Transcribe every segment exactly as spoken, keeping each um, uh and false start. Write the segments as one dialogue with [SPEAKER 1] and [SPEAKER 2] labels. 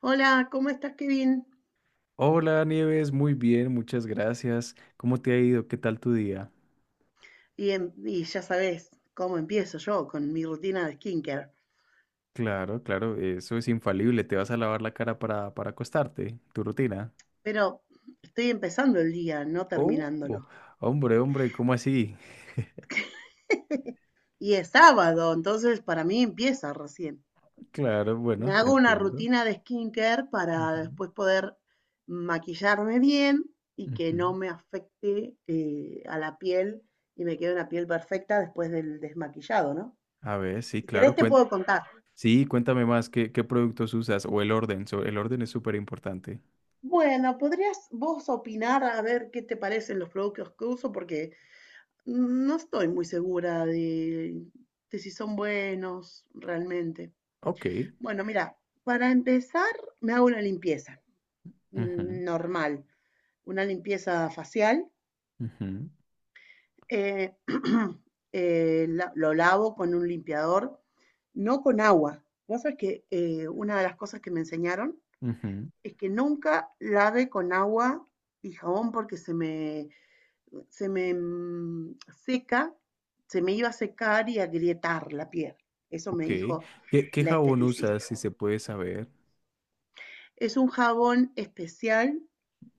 [SPEAKER 1] Hola, ¿cómo estás, Kevin?
[SPEAKER 2] Hola Nieves, muy bien, muchas gracias. ¿Cómo te ha ido? ¿Qué tal tu día?
[SPEAKER 1] Y, em- y ya sabes cómo empiezo yo con mi rutina de skincare,
[SPEAKER 2] Claro, claro, eso es infalible. Te vas a lavar la cara para, para acostarte, tu rutina.
[SPEAKER 1] pero estoy empezando el día, no
[SPEAKER 2] Oh,
[SPEAKER 1] terminándolo.
[SPEAKER 2] hombre, hombre, ¿cómo así?
[SPEAKER 1] Y es sábado, entonces para mí empieza recién.
[SPEAKER 2] Claro,
[SPEAKER 1] Me
[SPEAKER 2] bueno, te
[SPEAKER 1] hago una
[SPEAKER 2] entiendo.
[SPEAKER 1] rutina de skincare para
[SPEAKER 2] Ujú,
[SPEAKER 1] después poder maquillarme bien y que no
[SPEAKER 2] ujú.
[SPEAKER 1] me afecte eh, a la piel y me quede una piel perfecta después del desmaquillado, ¿no?
[SPEAKER 2] A ver, sí,
[SPEAKER 1] Si querés
[SPEAKER 2] claro.
[SPEAKER 1] te
[SPEAKER 2] cuen-
[SPEAKER 1] puedo contar.
[SPEAKER 2] sí, cuéntame más, ¿qué, qué productos usas? O el orden, so- el orden es súper importante.
[SPEAKER 1] Bueno, ¿podrías vos opinar a ver qué te parecen los productos que uso? Porque no estoy muy segura de, de si son buenos realmente.
[SPEAKER 2] Ok.
[SPEAKER 1] Bueno, mira, para empezar me hago una limpieza
[SPEAKER 2] Ujú,
[SPEAKER 1] mm, normal, una limpieza facial.
[SPEAKER 2] ujú,
[SPEAKER 1] eh, eh, la- lo lavo con un limpiador, no con agua. Vos sabés que eh, una de las cosas que me enseñaron
[SPEAKER 2] ujú.
[SPEAKER 1] es que nunca lave con agua y jabón porque se me se me mm, seca, se me iba a secar y a agrietar la piel. Eso me
[SPEAKER 2] Ok.
[SPEAKER 1] dijo
[SPEAKER 2] ¿Qué, qué
[SPEAKER 1] la
[SPEAKER 2] jabón
[SPEAKER 1] esteticista.
[SPEAKER 2] usas, si se puede saber?
[SPEAKER 1] Es un jabón especial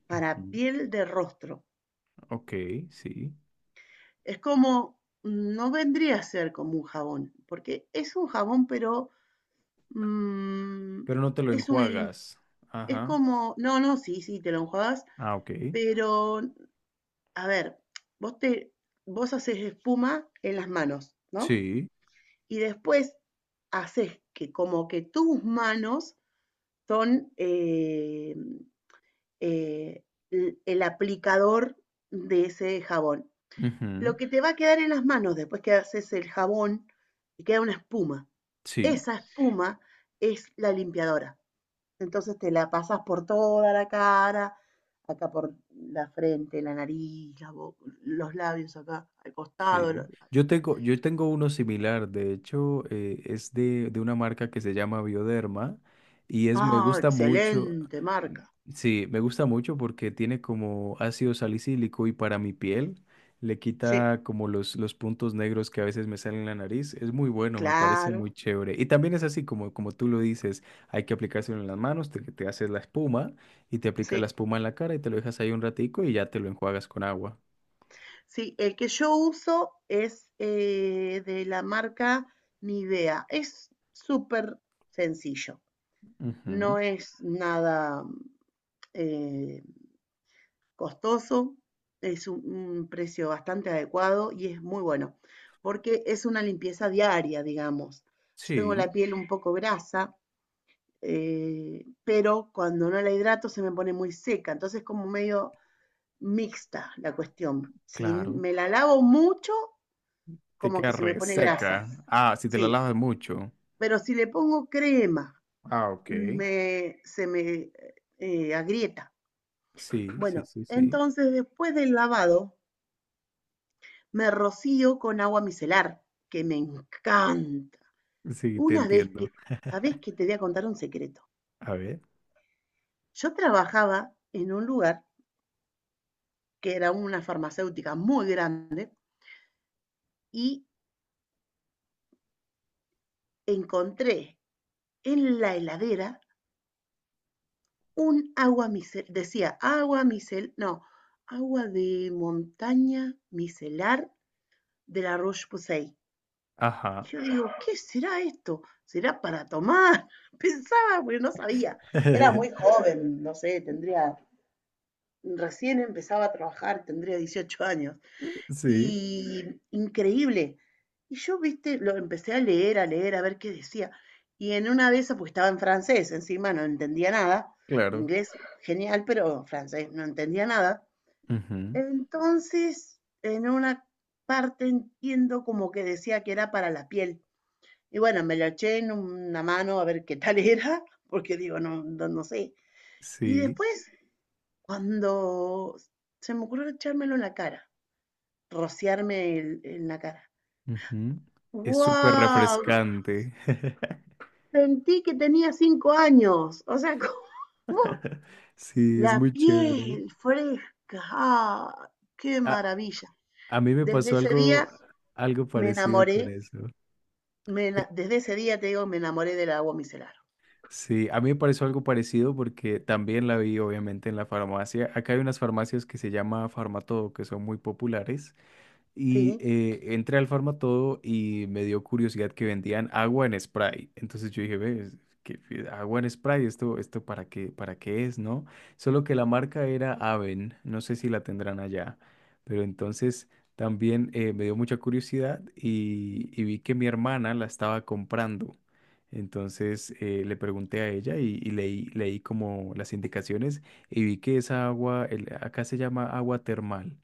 [SPEAKER 1] para
[SPEAKER 2] Ujú.
[SPEAKER 1] piel de rostro.
[SPEAKER 2] Ok, sí.
[SPEAKER 1] Es como, mm, no vendría a ser como un jabón, porque es un jabón, pero mm,
[SPEAKER 2] Pero no te lo
[SPEAKER 1] es un lim,
[SPEAKER 2] enjuagas.
[SPEAKER 1] es
[SPEAKER 2] Ajá.
[SPEAKER 1] como, no, no, sí, sí, te lo enjuagas,
[SPEAKER 2] Ah, ok.
[SPEAKER 1] pero, a ver, vos te, vos haces espuma en las manos, ¿no?
[SPEAKER 2] Sí.
[SPEAKER 1] Y después haces que como que tus manos son eh, eh, el, aplicador de ese jabón. Lo
[SPEAKER 2] Ujú.
[SPEAKER 1] que te va a quedar en las manos después que haces el jabón, te queda una espuma.
[SPEAKER 2] Sí.
[SPEAKER 1] Esa espuma es la limpiadora. Entonces te la pasas por toda la cara, acá por la frente, la nariz, la boca, los labios acá, al costado.
[SPEAKER 2] Sí,
[SPEAKER 1] Los labios.
[SPEAKER 2] yo tengo, yo tengo uno similar, de hecho, eh, es de, de una marca que se llama Bioderma y es, me
[SPEAKER 1] Ah,
[SPEAKER 2] gusta mucho,
[SPEAKER 1] excelente
[SPEAKER 2] mm,
[SPEAKER 1] marca.
[SPEAKER 2] sí, me gusta mucho porque tiene como ácido salicílico y para mi piel le
[SPEAKER 1] Sí,
[SPEAKER 2] quita como los, los puntos negros que a veces me salen en la nariz, es muy bueno, me parece muy
[SPEAKER 1] claro.
[SPEAKER 2] chévere. Y también es así como, como tú lo dices, hay que aplicárselo en las manos, te, te haces la espuma y te aplicas la
[SPEAKER 1] Sí,
[SPEAKER 2] espuma en la cara y te lo dejas ahí un ratico y ya te lo enjuagas con agua.
[SPEAKER 1] sí, el que yo uso es eh, de la marca Nivea. Es súper sencillo,
[SPEAKER 2] Ujú.
[SPEAKER 1] no es nada eh, costoso, es un, un precio bastante adecuado y es muy bueno, porque es una limpieza diaria, digamos. Yo tengo
[SPEAKER 2] Sí.
[SPEAKER 1] la piel un poco grasa, eh, pero cuando no la hidrato se me pone muy seca, entonces como medio mixta la cuestión. Si
[SPEAKER 2] Claro,
[SPEAKER 1] me la lavo mucho,
[SPEAKER 2] te
[SPEAKER 1] como
[SPEAKER 2] queda
[SPEAKER 1] que se me pone grasa.
[SPEAKER 2] reseca. Ah, si te la
[SPEAKER 1] Sí,
[SPEAKER 2] lavas mucho.
[SPEAKER 1] pero si le pongo crema,
[SPEAKER 2] Ah, ok.
[SPEAKER 1] me, se me eh, agrieta.
[SPEAKER 2] Sí, sí,
[SPEAKER 1] Bueno,
[SPEAKER 2] sí, sí.
[SPEAKER 1] entonces después del lavado, me rocío con agua micelar, que me encanta.
[SPEAKER 2] Sí, te
[SPEAKER 1] Una vez que,
[SPEAKER 2] entiendo.
[SPEAKER 1] ¿sabés que te voy a contar un secreto?
[SPEAKER 2] A ver.
[SPEAKER 1] Yo trabajaba en un lugar que era una farmacéutica muy grande y encontré en la heladera un agua micelar, decía agua micelar, no, agua de montaña micelar de la Roche-Posay.
[SPEAKER 2] Ajá.
[SPEAKER 1] Yo digo, ¿qué será esto? ¿Será para tomar? Pensaba, pero no sabía. Era muy joven, no sé, tendría, recién empezaba a trabajar, tendría dieciocho años
[SPEAKER 2] Sí,
[SPEAKER 1] y increíble. Y yo, viste, lo empecé a leer, a leer, a ver qué decía. Y en una de esas, pues estaba en francés, encima no entendía nada.
[SPEAKER 2] claro.
[SPEAKER 1] Inglés, genial, pero francés, no entendía nada.
[SPEAKER 2] Ujú,
[SPEAKER 1] Entonces, en una parte entiendo como que decía que era para la piel. Y bueno, me lo eché en una mano a ver qué tal era, porque digo, no, no, no sé. Y
[SPEAKER 2] sí.
[SPEAKER 1] después, cuando se me ocurrió echármelo en la cara, rociarme el- en la cara.
[SPEAKER 2] Ujú. Es súper
[SPEAKER 1] ¡Wow!
[SPEAKER 2] refrescante.
[SPEAKER 1] Sentí que tenía cinco años. O sea, como
[SPEAKER 2] Sí, es
[SPEAKER 1] la
[SPEAKER 2] muy chévere.
[SPEAKER 1] piel fresca. ¡Ah! ¡Qué
[SPEAKER 2] A,
[SPEAKER 1] maravilla!
[SPEAKER 2] a mí me
[SPEAKER 1] Desde
[SPEAKER 2] pasó
[SPEAKER 1] ese
[SPEAKER 2] algo,
[SPEAKER 1] día
[SPEAKER 2] algo
[SPEAKER 1] me
[SPEAKER 2] parecido con
[SPEAKER 1] enamoré.
[SPEAKER 2] eso.
[SPEAKER 1] me ena- desde ese día, te digo, me enamoré del agua micelar.
[SPEAKER 2] Sí, a mí me pareció algo parecido porque también la vi obviamente en la farmacia. Acá hay unas farmacias que se llama Farmatodo, que son muy populares y
[SPEAKER 1] ¿Sí?
[SPEAKER 2] eh, entré al Farmatodo y me dio curiosidad que vendían agua en spray. Entonces yo dije, ve, es que que agua en spray, esto, esto para qué, para qué es, ¿no? Solo que la marca era Aven, no sé si la tendrán allá, pero entonces también eh, me dio mucha curiosidad y, y vi que mi hermana la estaba comprando. Entonces eh, le pregunté a ella y, y leí, leí como las indicaciones y vi que esa agua, el- acá se llama agua termal.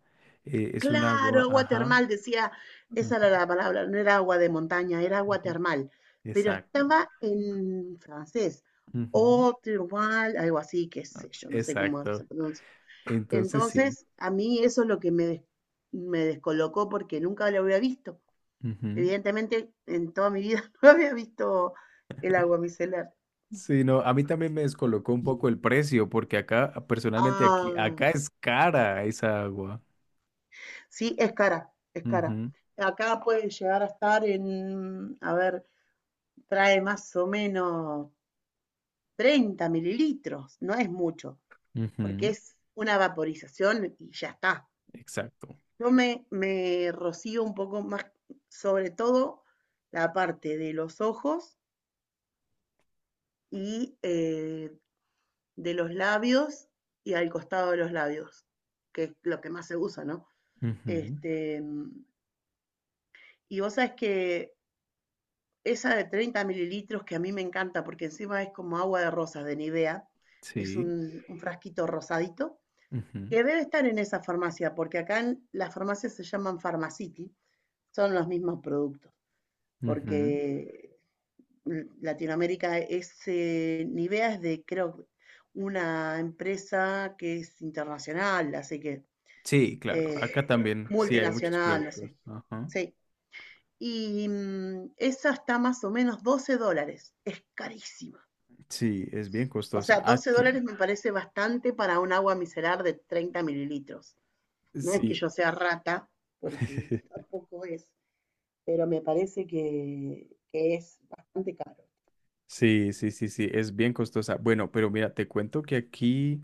[SPEAKER 2] Eh, es un
[SPEAKER 1] Claro,
[SPEAKER 2] agua,
[SPEAKER 1] agua
[SPEAKER 2] ajá.
[SPEAKER 1] termal, decía.
[SPEAKER 2] Ujú,
[SPEAKER 1] Esa era la palabra. No era agua de montaña, era agua
[SPEAKER 2] ujú,
[SPEAKER 1] termal. Pero
[SPEAKER 2] exacto.
[SPEAKER 1] estaba en francés.
[SPEAKER 2] Ujú,
[SPEAKER 1] Eau thermale, algo así, qué sé yo, no sé cómo se
[SPEAKER 2] exacto.
[SPEAKER 1] pronuncia.
[SPEAKER 2] Entonces sí.
[SPEAKER 1] Entonces, a mí eso es lo que me, des- me descolocó porque nunca lo había visto.
[SPEAKER 2] Ujú.
[SPEAKER 1] Evidentemente, en toda mi vida no había visto el agua micelar.
[SPEAKER 2] Sí, no, a mí también me descolocó un poco el precio, porque acá, personalmente aquí,
[SPEAKER 1] Ah,
[SPEAKER 2] acá es cara esa agua.
[SPEAKER 1] sí, es cara, es cara.
[SPEAKER 2] Ujú,
[SPEAKER 1] Acá puede llegar a estar en, a ver, trae más o menos treinta mililitros, no es mucho, porque
[SPEAKER 2] ujú,
[SPEAKER 1] es una vaporización y ya está.
[SPEAKER 2] exacto.
[SPEAKER 1] Yo me, me rocío un poco más, sobre todo la parte de los ojos y eh, de los labios y al costado de los labios, que es lo que más se usa, ¿no?
[SPEAKER 2] Ujú,
[SPEAKER 1] Este, y vos sabés que esa de treinta mililitros que a mí me encanta porque encima es como agua de rosas de Nivea, es
[SPEAKER 2] sí.
[SPEAKER 1] un, un frasquito rosadito,
[SPEAKER 2] Ujú,
[SPEAKER 1] que debe estar en esa farmacia, porque acá en, las farmacias se llaman Pharmacity, son los mismos productos,
[SPEAKER 2] ujú.
[SPEAKER 1] porque Latinoamérica ese Nivea es de, creo, una empresa que es internacional, así que
[SPEAKER 2] Sí, claro. Acá
[SPEAKER 1] eh,
[SPEAKER 2] también sí hay muchos
[SPEAKER 1] multinacional, no
[SPEAKER 2] productos.
[SPEAKER 1] sé.
[SPEAKER 2] Ajá.
[SPEAKER 1] Sí. Y mm, esa está más o menos doce dólares. Es carísima.
[SPEAKER 2] Sí, es bien
[SPEAKER 1] O
[SPEAKER 2] costosa.
[SPEAKER 1] sea, doce
[SPEAKER 2] Aquí,
[SPEAKER 1] dólares me parece bastante para un agua micelar de treinta mililitros. No es que
[SPEAKER 2] sí.
[SPEAKER 1] yo sea rata, porque tampoco es, pero me parece que, que es bastante caro.
[SPEAKER 2] Sí, sí, sí, sí, es bien costosa. Bueno, pero mira, te cuento que aquí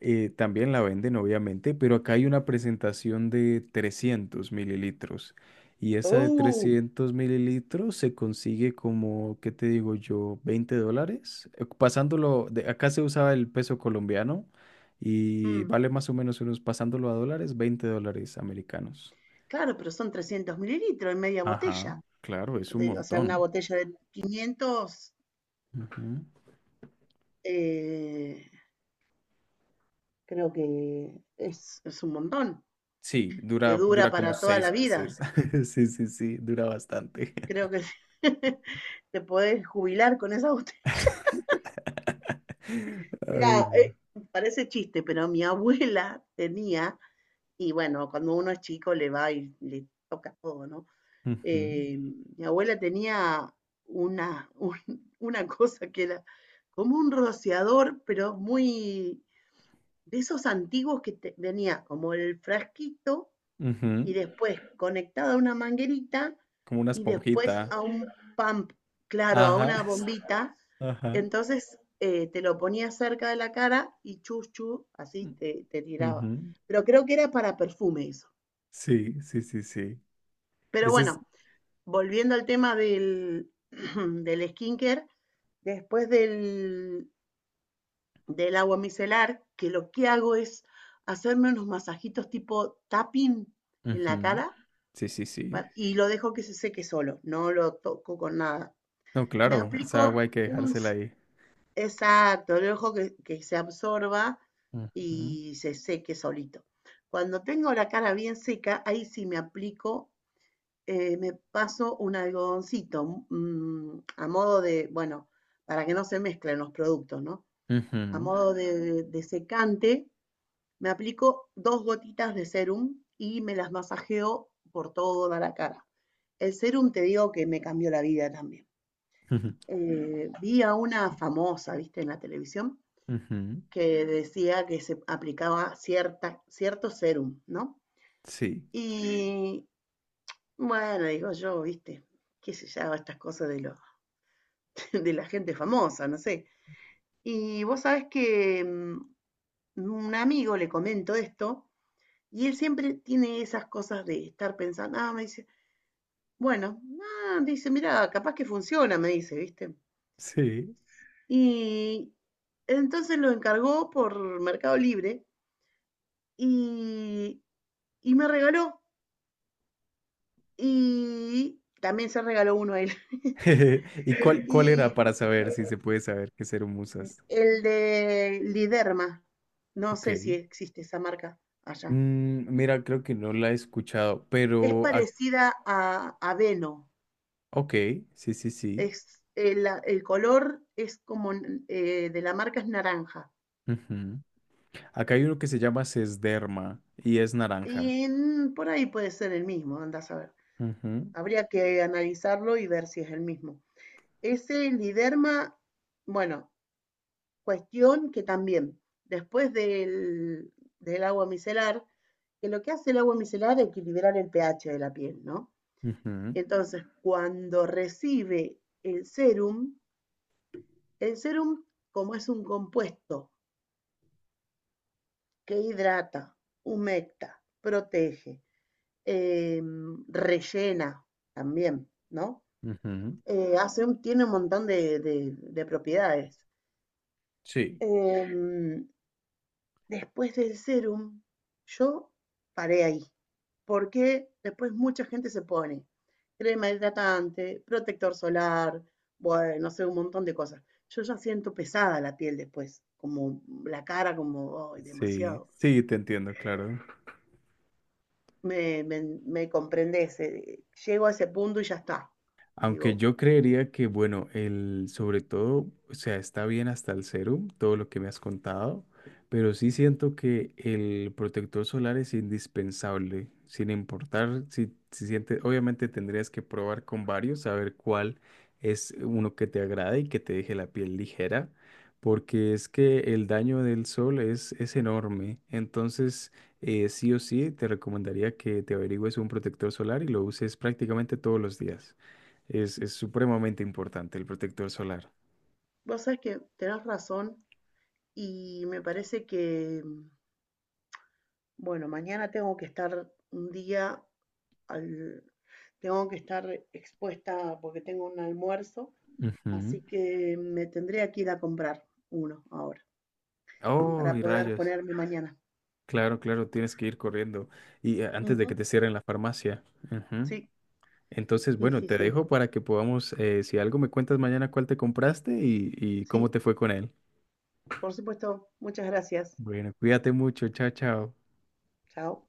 [SPEAKER 2] eh, también la venden, obviamente, pero acá hay una presentación de trescientos mililitros. Y esa de
[SPEAKER 1] ¡Uh!
[SPEAKER 2] trescientos mililitros se consigue como, ¿qué te digo yo? Veinte dólares. Eh, Pasándolo, de, acá se usaba el peso colombiano y
[SPEAKER 1] Mm.
[SPEAKER 2] vale más o menos unos, pasándolo a dólares, veinte dólares americanos.
[SPEAKER 1] Claro, pero son trescientos mililitros en media botella.
[SPEAKER 2] Ajá. Claro, es un
[SPEAKER 1] De- o sea, una
[SPEAKER 2] montón.
[SPEAKER 1] botella de quinientos,
[SPEAKER 2] Ujú.
[SPEAKER 1] eh, creo que es, es un montón.
[SPEAKER 2] Sí,
[SPEAKER 1] Te
[SPEAKER 2] dura,
[SPEAKER 1] dura
[SPEAKER 2] dura como
[SPEAKER 1] para toda
[SPEAKER 2] seis
[SPEAKER 1] la vida.
[SPEAKER 2] meses. Sí, sí, sí, dura bastante.
[SPEAKER 1] Creo que te podés jubilar con esa botella.
[SPEAKER 2] Ay,
[SPEAKER 1] Mira,
[SPEAKER 2] no.
[SPEAKER 1] parece chiste, pero mi abuela tenía, y bueno, cuando uno es chico le va y le toca todo, ¿no?
[SPEAKER 2] Ujú,
[SPEAKER 1] Eh, mi abuela tenía una, un- una cosa que era como un rociador, pero muy de esos antiguos que te- tenía como el frasquito y
[SPEAKER 2] ujú,
[SPEAKER 1] después conectado a una manguerita
[SPEAKER 2] como una
[SPEAKER 1] y después
[SPEAKER 2] esponjita.
[SPEAKER 1] a un pump, claro, a
[SPEAKER 2] Ajá,
[SPEAKER 1] una bombita.
[SPEAKER 2] ajá.
[SPEAKER 1] Entonces eh, te lo ponía cerca de la cara y chus, chus, así te, te tiraba.
[SPEAKER 2] Ujú.
[SPEAKER 1] Pero creo que era para perfume eso.
[SPEAKER 2] Sí, sí, sí, sí.
[SPEAKER 1] Pero
[SPEAKER 2] Ese es.
[SPEAKER 1] bueno, volviendo al tema del, del skincare, después del, del agua micelar, que lo que hago es hacerme unos masajitos tipo tapping en la
[SPEAKER 2] Ujú,
[SPEAKER 1] cara
[SPEAKER 2] sí, sí, sí.
[SPEAKER 1] y lo dejo que se seque solo, no lo toco con nada.
[SPEAKER 2] No,
[SPEAKER 1] Me
[SPEAKER 2] claro, esa
[SPEAKER 1] aplico
[SPEAKER 2] agua hay que
[SPEAKER 1] un...
[SPEAKER 2] dejársela ahí.
[SPEAKER 1] Exacto, lo dejo que, que se absorba
[SPEAKER 2] Ujú,
[SPEAKER 1] y se seque solito. Cuando tengo la cara bien seca, ahí sí me aplico eh, me paso un algodoncito mm, a modo de, bueno, para que no se mezclen los productos, ¿no? A
[SPEAKER 2] ujú,
[SPEAKER 1] modo de, de secante, me aplico dos gotitas de serum y me las masajeo por toda la cara. El serum te digo que me cambió la vida también.
[SPEAKER 2] ujú,
[SPEAKER 1] Eh, vi a una famosa, viste, en la televisión,
[SPEAKER 2] ujú.
[SPEAKER 1] que decía que se aplicaba cierta, cierto serum, ¿no?
[SPEAKER 2] Sí,
[SPEAKER 1] Y bueno, digo yo, viste, qué sé yo, estas cosas de los de la gente famosa, no sé. Y vos sabés que mm, un amigo le comento esto y él siempre tiene esas cosas de estar pensando, ah, me dice, bueno, ah, dice, mira, capaz que funciona, me dice, ¿viste?
[SPEAKER 2] sí.
[SPEAKER 1] Y entonces lo encargó por Mercado Libre y, y me regaló. Y también se regaló uno a él.
[SPEAKER 2] ¿Y cuál, cuál
[SPEAKER 1] Y
[SPEAKER 2] era para saber si se puede saber qué ser musas?
[SPEAKER 1] el de Liderma, no
[SPEAKER 2] Ok.
[SPEAKER 1] sé si existe esa marca allá.
[SPEAKER 2] Mm, mira, creo que no la he escuchado,
[SPEAKER 1] Es
[SPEAKER 2] pero... ac-
[SPEAKER 1] parecida a, a Veno.
[SPEAKER 2] ok, sí, sí, sí.
[SPEAKER 1] Es, el, el color es como eh, de la marca es naranja.
[SPEAKER 2] Ujú. Acá hay uno que se llama Sesderma y es naranja.
[SPEAKER 1] Y en- por ahí puede ser el mismo, andás a ver.
[SPEAKER 2] Ujú,
[SPEAKER 1] Habría que analizarlo y ver si es el mismo. Ese liderma, bueno, cuestión que también, después del, del agua micelar, que lo que hace el agua micelar es equilibrar el pH de la piel, ¿no?
[SPEAKER 2] ujú,
[SPEAKER 1] Entonces, cuando recibe el serum, el serum, como es un compuesto que hidrata, humecta, protege, eh, rellena también, ¿no?
[SPEAKER 2] ujú.
[SPEAKER 1] Eh, hace un- tiene un montón de, de- de propiedades.
[SPEAKER 2] Sí,
[SPEAKER 1] Em, después del serum, yo paré ahí, porque después mucha gente se pone crema hidratante, protector solar, bueno, no sé, un montón de cosas. Yo ya siento pesada la piel después, como la cara, como, ay,
[SPEAKER 2] sí,
[SPEAKER 1] demasiado.
[SPEAKER 2] sí, te entiendo, claro.
[SPEAKER 1] Me, me, me comprendés, eh, llego a ese punto y ya está.
[SPEAKER 2] Aunque
[SPEAKER 1] Digo,
[SPEAKER 2] yo creería que, bueno, el, sobre todo, o sea, está bien hasta el serum, todo lo que me has contado, pero sí siento que el protector solar es indispensable, sin importar si, si sientes, obviamente tendrías que probar con varios, saber cuál es uno que te agrade y que te deje la piel ligera, porque es que el daño del sol es, es enorme, entonces eh, sí o sí te recomendaría que te averigües un protector solar y lo uses prácticamente todos los días. Es, es supremamente importante el protector solar.
[SPEAKER 1] vos sabés que tenés razón y me parece que, bueno, mañana tengo que estar un día al, tengo que estar expuesta porque tengo un almuerzo,
[SPEAKER 2] Ujú.
[SPEAKER 1] así que me tendría que ir a comprar uno ahora
[SPEAKER 2] Oh,
[SPEAKER 1] para
[SPEAKER 2] y
[SPEAKER 1] poder
[SPEAKER 2] rayos.
[SPEAKER 1] ponerme mañana.
[SPEAKER 2] Claro, claro, tienes que ir corriendo. Y eh, antes de que
[SPEAKER 1] Ujú,
[SPEAKER 2] te cierren la farmacia. Ujú.
[SPEAKER 1] Sí,
[SPEAKER 2] Entonces,
[SPEAKER 1] sí,
[SPEAKER 2] bueno,
[SPEAKER 1] sí,
[SPEAKER 2] te
[SPEAKER 1] sí,
[SPEAKER 2] dejo para que podamos, eh, si algo me cuentas mañana cuál te compraste y, y cómo
[SPEAKER 1] sí,
[SPEAKER 2] te fue con él.
[SPEAKER 1] por supuesto. Muchas gracias.
[SPEAKER 2] Bueno, cuídate mucho. Chao, chao.
[SPEAKER 1] Chao.